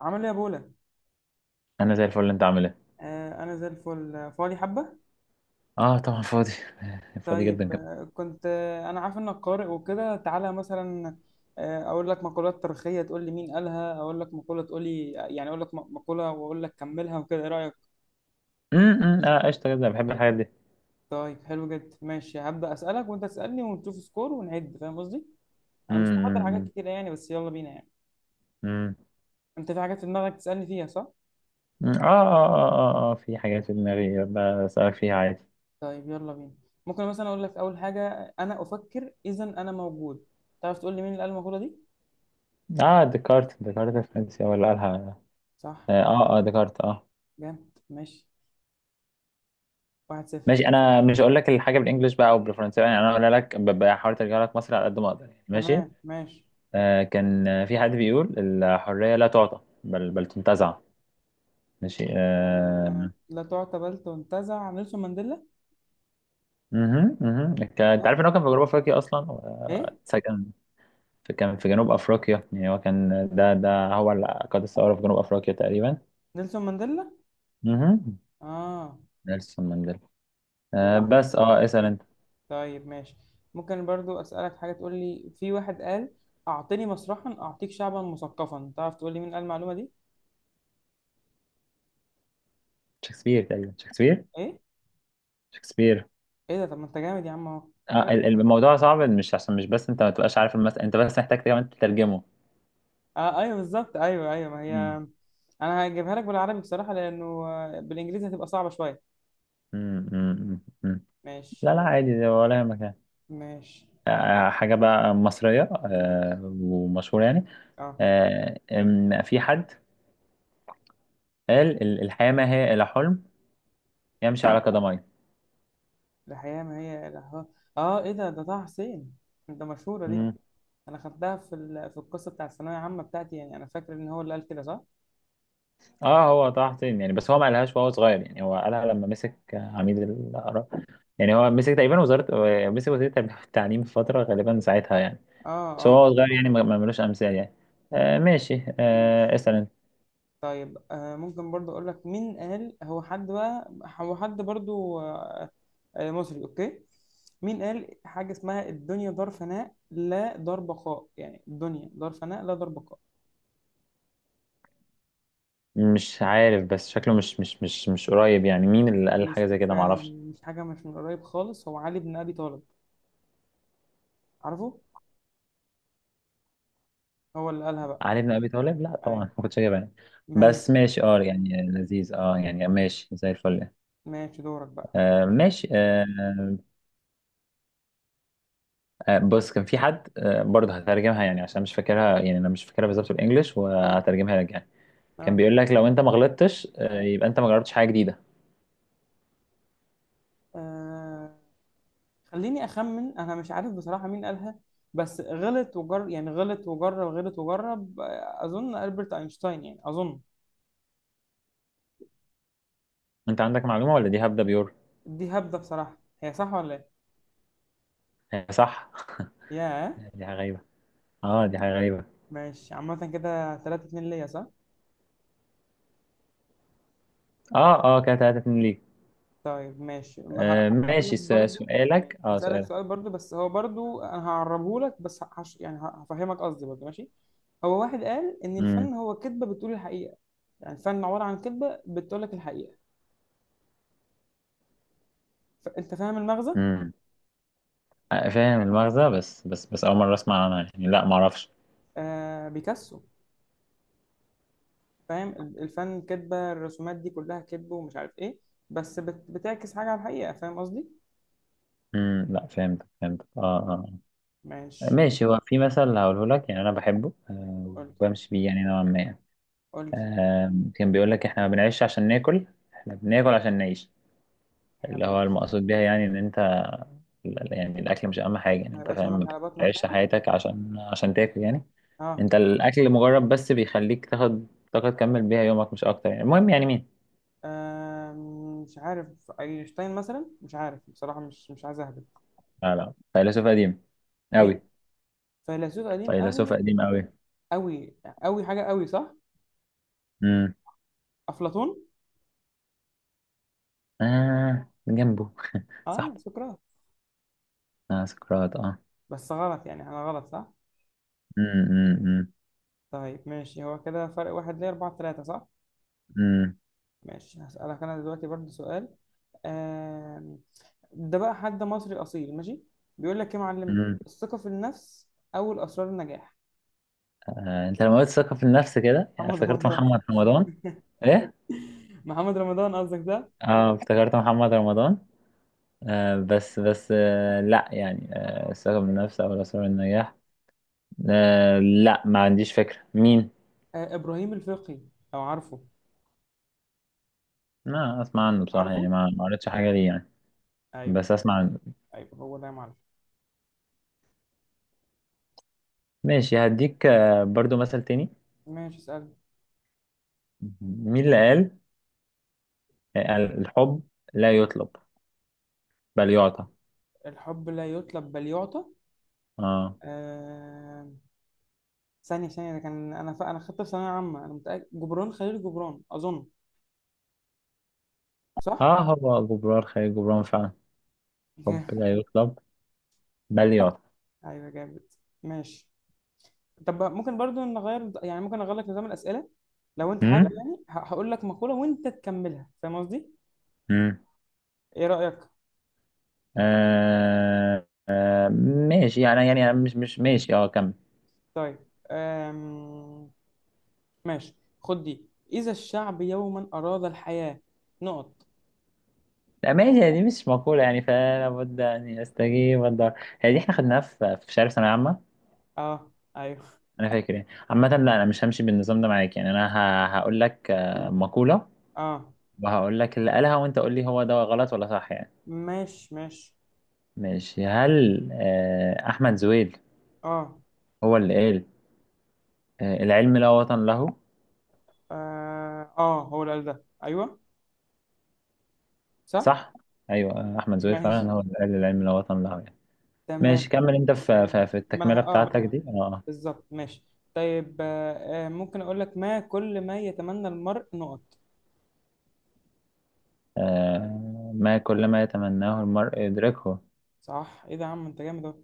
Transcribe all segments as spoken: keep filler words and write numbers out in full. عامل ايه يا بولا. انا زي الفل. انت عامل ايه؟ آه انا زي الفل، آه، فاضي حبه. اه طبعا فاضي. فاضي جدا طيب، كمان. آه كنت، آه انا عارف انك قارئ وكده. تعالى مثلا آه اقول لك مقولات تاريخيه تقول لي مين قالها. اقول لك مقوله تقول لي، يعني اقول لك م- مقوله واقول لك كملها وكده، ايه رايك؟ امم اه قشطه جدا، بحب الحاجات دي. طيب حلو جدا، ماشي. هبدا اسالك وانت تسالني ونشوف سكور ونعد، فاهم قصدي. انا مش محضر حاجات امم كتيره يعني، بس يلا بينا يعني. امم انت في حاجات في دماغك تسالني فيها، صح؟ آه, آه, اه اه اه في حاجات في دماغي بسألك فيها عادي. طيب يلا بينا. ممكن مثلا اقول لك اول حاجه: انا افكر اذا انا موجود. تعرف تقول لي مين اللي قال المقوله دي؟ اه ديكارت، ديكارت الفرنسي هو اللي قالها. صح، اه اه آه، ديكارت اه. جامد، ماشي. واحد صفر. ماشي، انا مش هقول لك الحاجه بالانجلش بقى او بالفرنسي يعني، انا هقول لك ب- بحاول ارجع لك مصر على قد ما اقدر يعني. ماشي، تمام ماشي. آه كان في حد بيقول الحريه لا تعطى بل بل تنتزع. ماشي آه، آه. لا تعتبلت وانتزع، نيلسون مانديلا. مهم، مهم. ك- انت اه، عارف ان هو كان في جنوب افريقيا اصلا ايه، واتسجن في، كان في جنوب افريقيا يعني. هو كان ده ده هو اللي قاد الثوره في جنوب افريقيا تقريبا. نيلسون مانديلا. مهم. اه، نيلسون مانديلا. آه وراح بس اه اسال فين؟ انت. طيب ماشي. ممكن برضو اسالك حاجه، تقول لي في واحد قال: اعطني مسرحا اعطيك شعبا مثقفا. تعرف تقول لي مين قال المعلومه دي؟ شكسبير، تقريبا شكسبير. ايه، شكسبير. ايه ده؟ طب ما انت جامد يا عم اهو. آه ال- الموضوع صعب، مش عشان مش بس انت ما تبقاش عارف المسألة، انت بس محتاج كمان تترجمه. آه ايوه بالظبط، ايوه ايوه ما هي. مم. انا هجيبها لك بالعربي بصراحه، لانه آه، بالانجليزي هتبقى صعبه شويه. مم، مم، مم. ماشي لا لا عادي، ده ولا يهمك يعني. ماشي آه، حاجة بقى مصرية ماشي. آه، ومشهورة يعني. اه، آه، إن في حد قال ال- الحياة ما هي إلا حلم يمشي على قدميه. الحقيقة ما هي الأهوال. اه ايه ده، ده طه حسين. ده مشهورة دي. مم. انا خدتها في ال... في القصة بتاع الثانوية العامة بتاعتي يعني، انا فاكر ان هو اللي قال كده، صح؟ اه هو طه حسين يعني، بس هو ما قالهاش وهو صغير، يعني هو قالها لما مسك عميد الآراء. يعني هو مسك تقريبا وزارة، مسك وزير التعليم في فترة غالبا ساعتها يعني. اه بس اه، هو صغير يعني ما ما ملوش أمثال يعني. آه ماشي، ماشي. آه اسأل انت. طيب آه، ممكن برضو اقول لك: مين قال؟ هو حد بقى، هو حد برضو آه، آه مصري، اوكي. مين قال حاجة اسمها الدنيا دار فناء لا دار بقاء؟ يعني الدنيا دار فناء لا دار بقاء. مش عارف، بس شكله مش مش مش مش قريب يعني. مين اللي قال مش حاجة زي كده؟ فعلا، معرفش. مش حاجة مش من قريب خالص. هو علي بن أبي طالب، عارفه؟ هو اللي قالها بقى. علي بن أبي طالب؟ لا طبعا ايوه ما كنتش جايبها يعني. ماشي. بس ماشي اه، يعني لذيذ اه، يعني ماشي زي الفل. ماشي دورك بقى. آه ماشي آه. آه، بص كان في حد آه، برضه هترجمها يعني عشان مش فاكرها، يعني انا مش فاكرها بالظبط بالانجلش، اه وهترجمها لك يعني. كان اه، بيقول لك لو انت ما غلطتش آه، يبقى انت ما جربتش حاجه جديده. آه، خليني اخمن. انا مش عارف بصراحة مين قالها، بس غلط وجر يعني غلط وجرب، غلط وجرب. آه، اظن البرت اينشتاين يعني، اظن. انت عندك معلومه ولا دي هبده بيور؟ دي هبدة بصراحة، هي صح ولا ايه؟ آه، صح. ياه دي حاجه غريبه. اه دي حاجه غريبه. ماشي. عامة كده تلاتة اتنين ليا، صح؟ اه اه كده تلاتة اتنين ليك. طيب ماشي ه- آه، هقول لك ماشي س- برضو. سؤالك، اه هسألك سؤالك. سؤال برضو، بس هو برضو انا هعربه لك بس هش يعني، ه- هفهمك قصدي برضو، ماشي. هو واحد قال ان امم. الفن هو كذبة بتقول الحقيقة، يعني الفن عبارة عن كذبة بتقول لك الحقيقة. ف- انت فاهم المغزى؟ امم. آه، فاهم المغزى، بس بس بس اول مره اسمع عنها يعني. لا ما اعرفش. آه بيكاسو. فاهم، ال- الفن كدبه، الرسومات دي كلها كدب ومش عارف ايه، بس بت... بتعكس حاجه على الحقيقه، فاهم قصدي؟ امم، لا فهمت، فهمت اه اه. آه. ماشي. ماشي، هو في مثل هقوله لك يعني انا بحبه آه، قول، وبمشي بيه يعني نوعا ما. قول لي. آم، كان بيقول لك احنا ما بنعيش عشان ناكل، احنا بناكل عشان نعيش. اللي هو المقصود بيها يعني ان انت ال- يعني الاكل مش اهم حاجه يعني. ما انت يبقاش فاهم؟ همك ما على بطنك بتعيش يعني. حياتك عشان عشان تاكل يعني. اه. انت الاكل مجرد بس بيخليك تاخد طاقه تكمل بيها يومك، مش اكتر يعني. المهم، يعني مين؟ آم، مش عارف، اينشتاين مثلا؟ مش عارف بصراحه، مش مش عايز اهبط. لا لا، فيلسوف قديم قوي. مين؟ فيلسوف قديم فيلسوف قوي. قديم قوي. قوي. قوي حاجه قوي، صح؟ امم. افلاطون. اه جنبه. اه، صاحبه. سقراط. اه سقراط، اه. بس غلط يعني، انا غلط، صح؟ امم. طيب ماشي، هو كده فرق واحد، ليه أربعة تلاتة، صح؟ امم. ماشي. هسألك أنا دلوقتي برضه سؤال. آم، ده بقى حد مصري أصيل، ماشي. بيقول لك يا معلم: امم. الثقة في النفس أول أسرار النجاح. آه، انت لما قلت ثقة في النفس كده، يعني محمد افتكرت رمضان. محمد رمضان. ايه. محمد رمضان قصدك ده؟ اه افتكرت محمد رمضان. آه بس بس آه لا يعني، آه الثقة بالنفس او الأسرار النجاح. آه لا ما عنديش فكرة مين. آه، إبراهيم الفقي، لو عارفه. ما اسمع عنه بصراحة عارفه؟ يعني، ما ما قريتش حاجة ليه يعني. أيوه. بس اسمع عنه. أيوه هو ده يا معلم. ماشي هديك آه برضو مثل تاني. ماشي اسأل. مين اللي قال آه، الحب لا يطلب بل يعطى؟ الحب لا يطلب بل يعطى. اه آم، ثانية ثانية، ده كان أنا ف... أنا خدت في ثانوية عامة، أنا متأكد، جبران خليل جبران أظن. صح؟ اه، هو جبران خليل جبران فعلا. الحب لا يطلب بل يعطى. أيوه جامد، ماشي. طب ممكن برضو نغير يعني، ممكن اغير لك نظام الاسئله، لو انت حابب يعني. ه- هقول لك مقوله وانت تكملها، فاهم قصدي؟ امم. ايه رايك؟ آه آه. ماشي يعني، يعني أنا مش مش ماشي اه، كمل. طيب أم... ماشي. خد دي: اذا الشعب يوما اراد الحياه، نقط. لا ماشي، هذه مش مقولة يعني، فلا بد أن أستجيب الدار. هذه احنا خدناها في في شهر ثانوية عامة، اه، ايوه. أنا فاكر يعني. عامة لا، أنا مش همشي بالنظام ده معاك يعني، أنا ه- هقول لك آه، مقولة اه وهقول لك اللي قالها، وأنت قول لي هو ده غلط ولا صح يعني. ماشي ماشي. ماشي، هل آه، أحمد زويل اه, هو اللي قال آه، العلم لا وطن له؟ اه، آه. هو اللي قال ده، ايوه، صح. صح؟ أيوه. آه، أحمد زويل ماشي فعلا هو اللي قال العلم لا وطن له يعني. ماشي تمام. كمل انت في في م- في ما انا التكملة ه- اه بتاعتك دي اه. بالظبط، ماشي. طيب آه آه، ممكن اقول لك: ما كل ما يتمنى المرء، نقط. آه، ما كل ما يتمناه المرء يدركه. صح، ايه ده يا عم انت جامد اهو.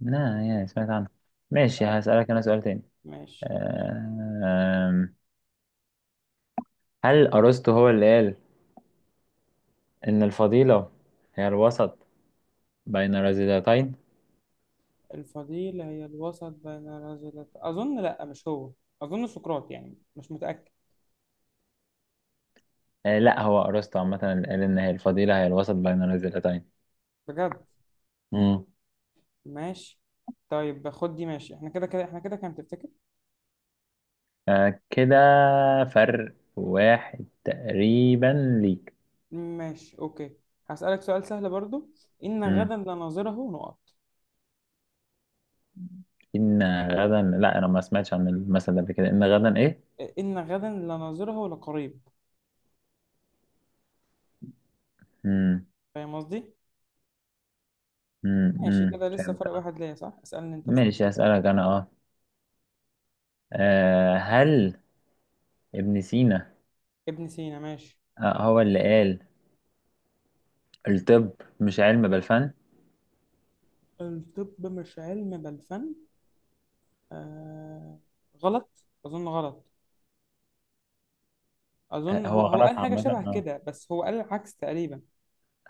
لا يا، سمعت عنه. ماشي طيب. هسألك انا سؤال تاني. ماشي. آه، هل أرسطو هو اللي قال إن الفضيلة هي الوسط بين الرذيلتين؟ الفضيلة هي الوسط بين رجلت، أظن لأ، مش هو. أظن سقراط، يعني مش متأكد. آه، لا هو أرسطو عامة اللي قال إن هي الفضيلة هي الوسط بين الرذيلتين. بجد؟ مم. ماشي. طيب خد دي، ماشي. احنا كده كده احنا كده، كان تفتكر. آه، كده فرق واحد تقريبا ليك. ماشي أوكي. هسألك سؤال سهل برضو: إن غدا لناظره، نقط. إن غدا؟ لا أنا ما سمعتش عن المثل ده قبل كده. إن غدا إيه؟ إن غدا لناظره لقريب. مم. فاهم قصدي؟ مم. ماشي مم. كده، لسه فهمت فرق أه. واحد ليا، صح؟ اسألني أنت بقى. ماشي هسألك أنا أه. آه، هل ابن سينا ابن سينا، ماشي. آه، هو اللي قال الطب مش علم بل فن؟ الطب مش علم بل فن. آه... غلط، أظن غلط. اظن آه، هو هو، هو غلط قال حاجه عامة شبه أه. كده، بس هو قال العكس تقريبا.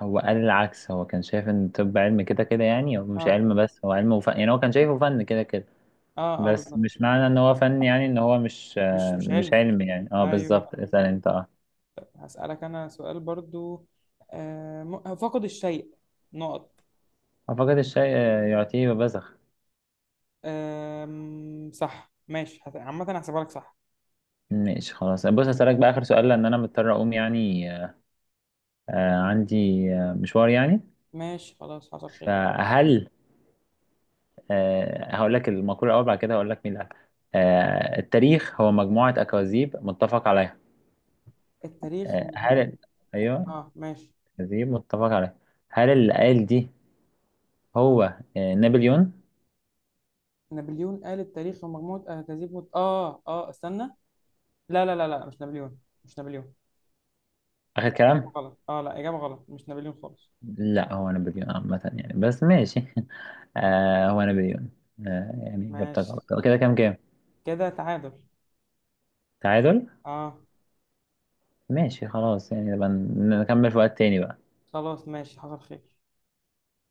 هو قال العكس، هو كان شايف إن الطب علم كده كده يعني. هو مش اه علم بس، هو علم وفن يعني، هو كان شايفه فن كده كده. اه اه بس بالظبط. مش معنى إن هو فن يعني إن هو مش مش آه، مش مش علمي. علم يعني أه ايوه. بالظبط. اسأل أنت أه. هسألك انا سؤال برضو. آه م- فقد الشيء، نقط. أعتقد الشيء آه، يعطيه وبزخ. آم، صح. ماشي هت- عامه هحسبها لك، صح. ماشي خلاص، بص هسألك بقى آخر سؤال، لأن أنا مضطر أقوم يعني. آه عندي آه مشوار يعني. ماشي خلاص، حصل خير. فهل آه، هقول لك المقولة الأول، بعد كده هقول لك مين اللي قالها. آه، التاريخ هو مجموعة أكاذيب متفق عليها. التاريخ آه هل ومجموعة. ال- أيوه، اه ماشي، أكاذيب متفق عليها. هل اللي قال دي هو آه نابليون؟ نابليون قال التاريخ ومجموعة اهداف مت... اه اه استنى. لا لا لا لا، مش نابليون. مش نابليون. آخر لا، اجابه كلام؟ غلط. اه لا اجابه غلط، مش نابليون خالص. لا هو نابليون عامة يعني، بس ماشي. آه هو نابليون. آه يعني إجابتك ماشي غلط. كده كام كام؟ كده، تعادل. تعادل؟ اه. ماشي خلاص يعني، نبقى نكمل في وقت تاني بقى. خلاص ماشي، حصل خير.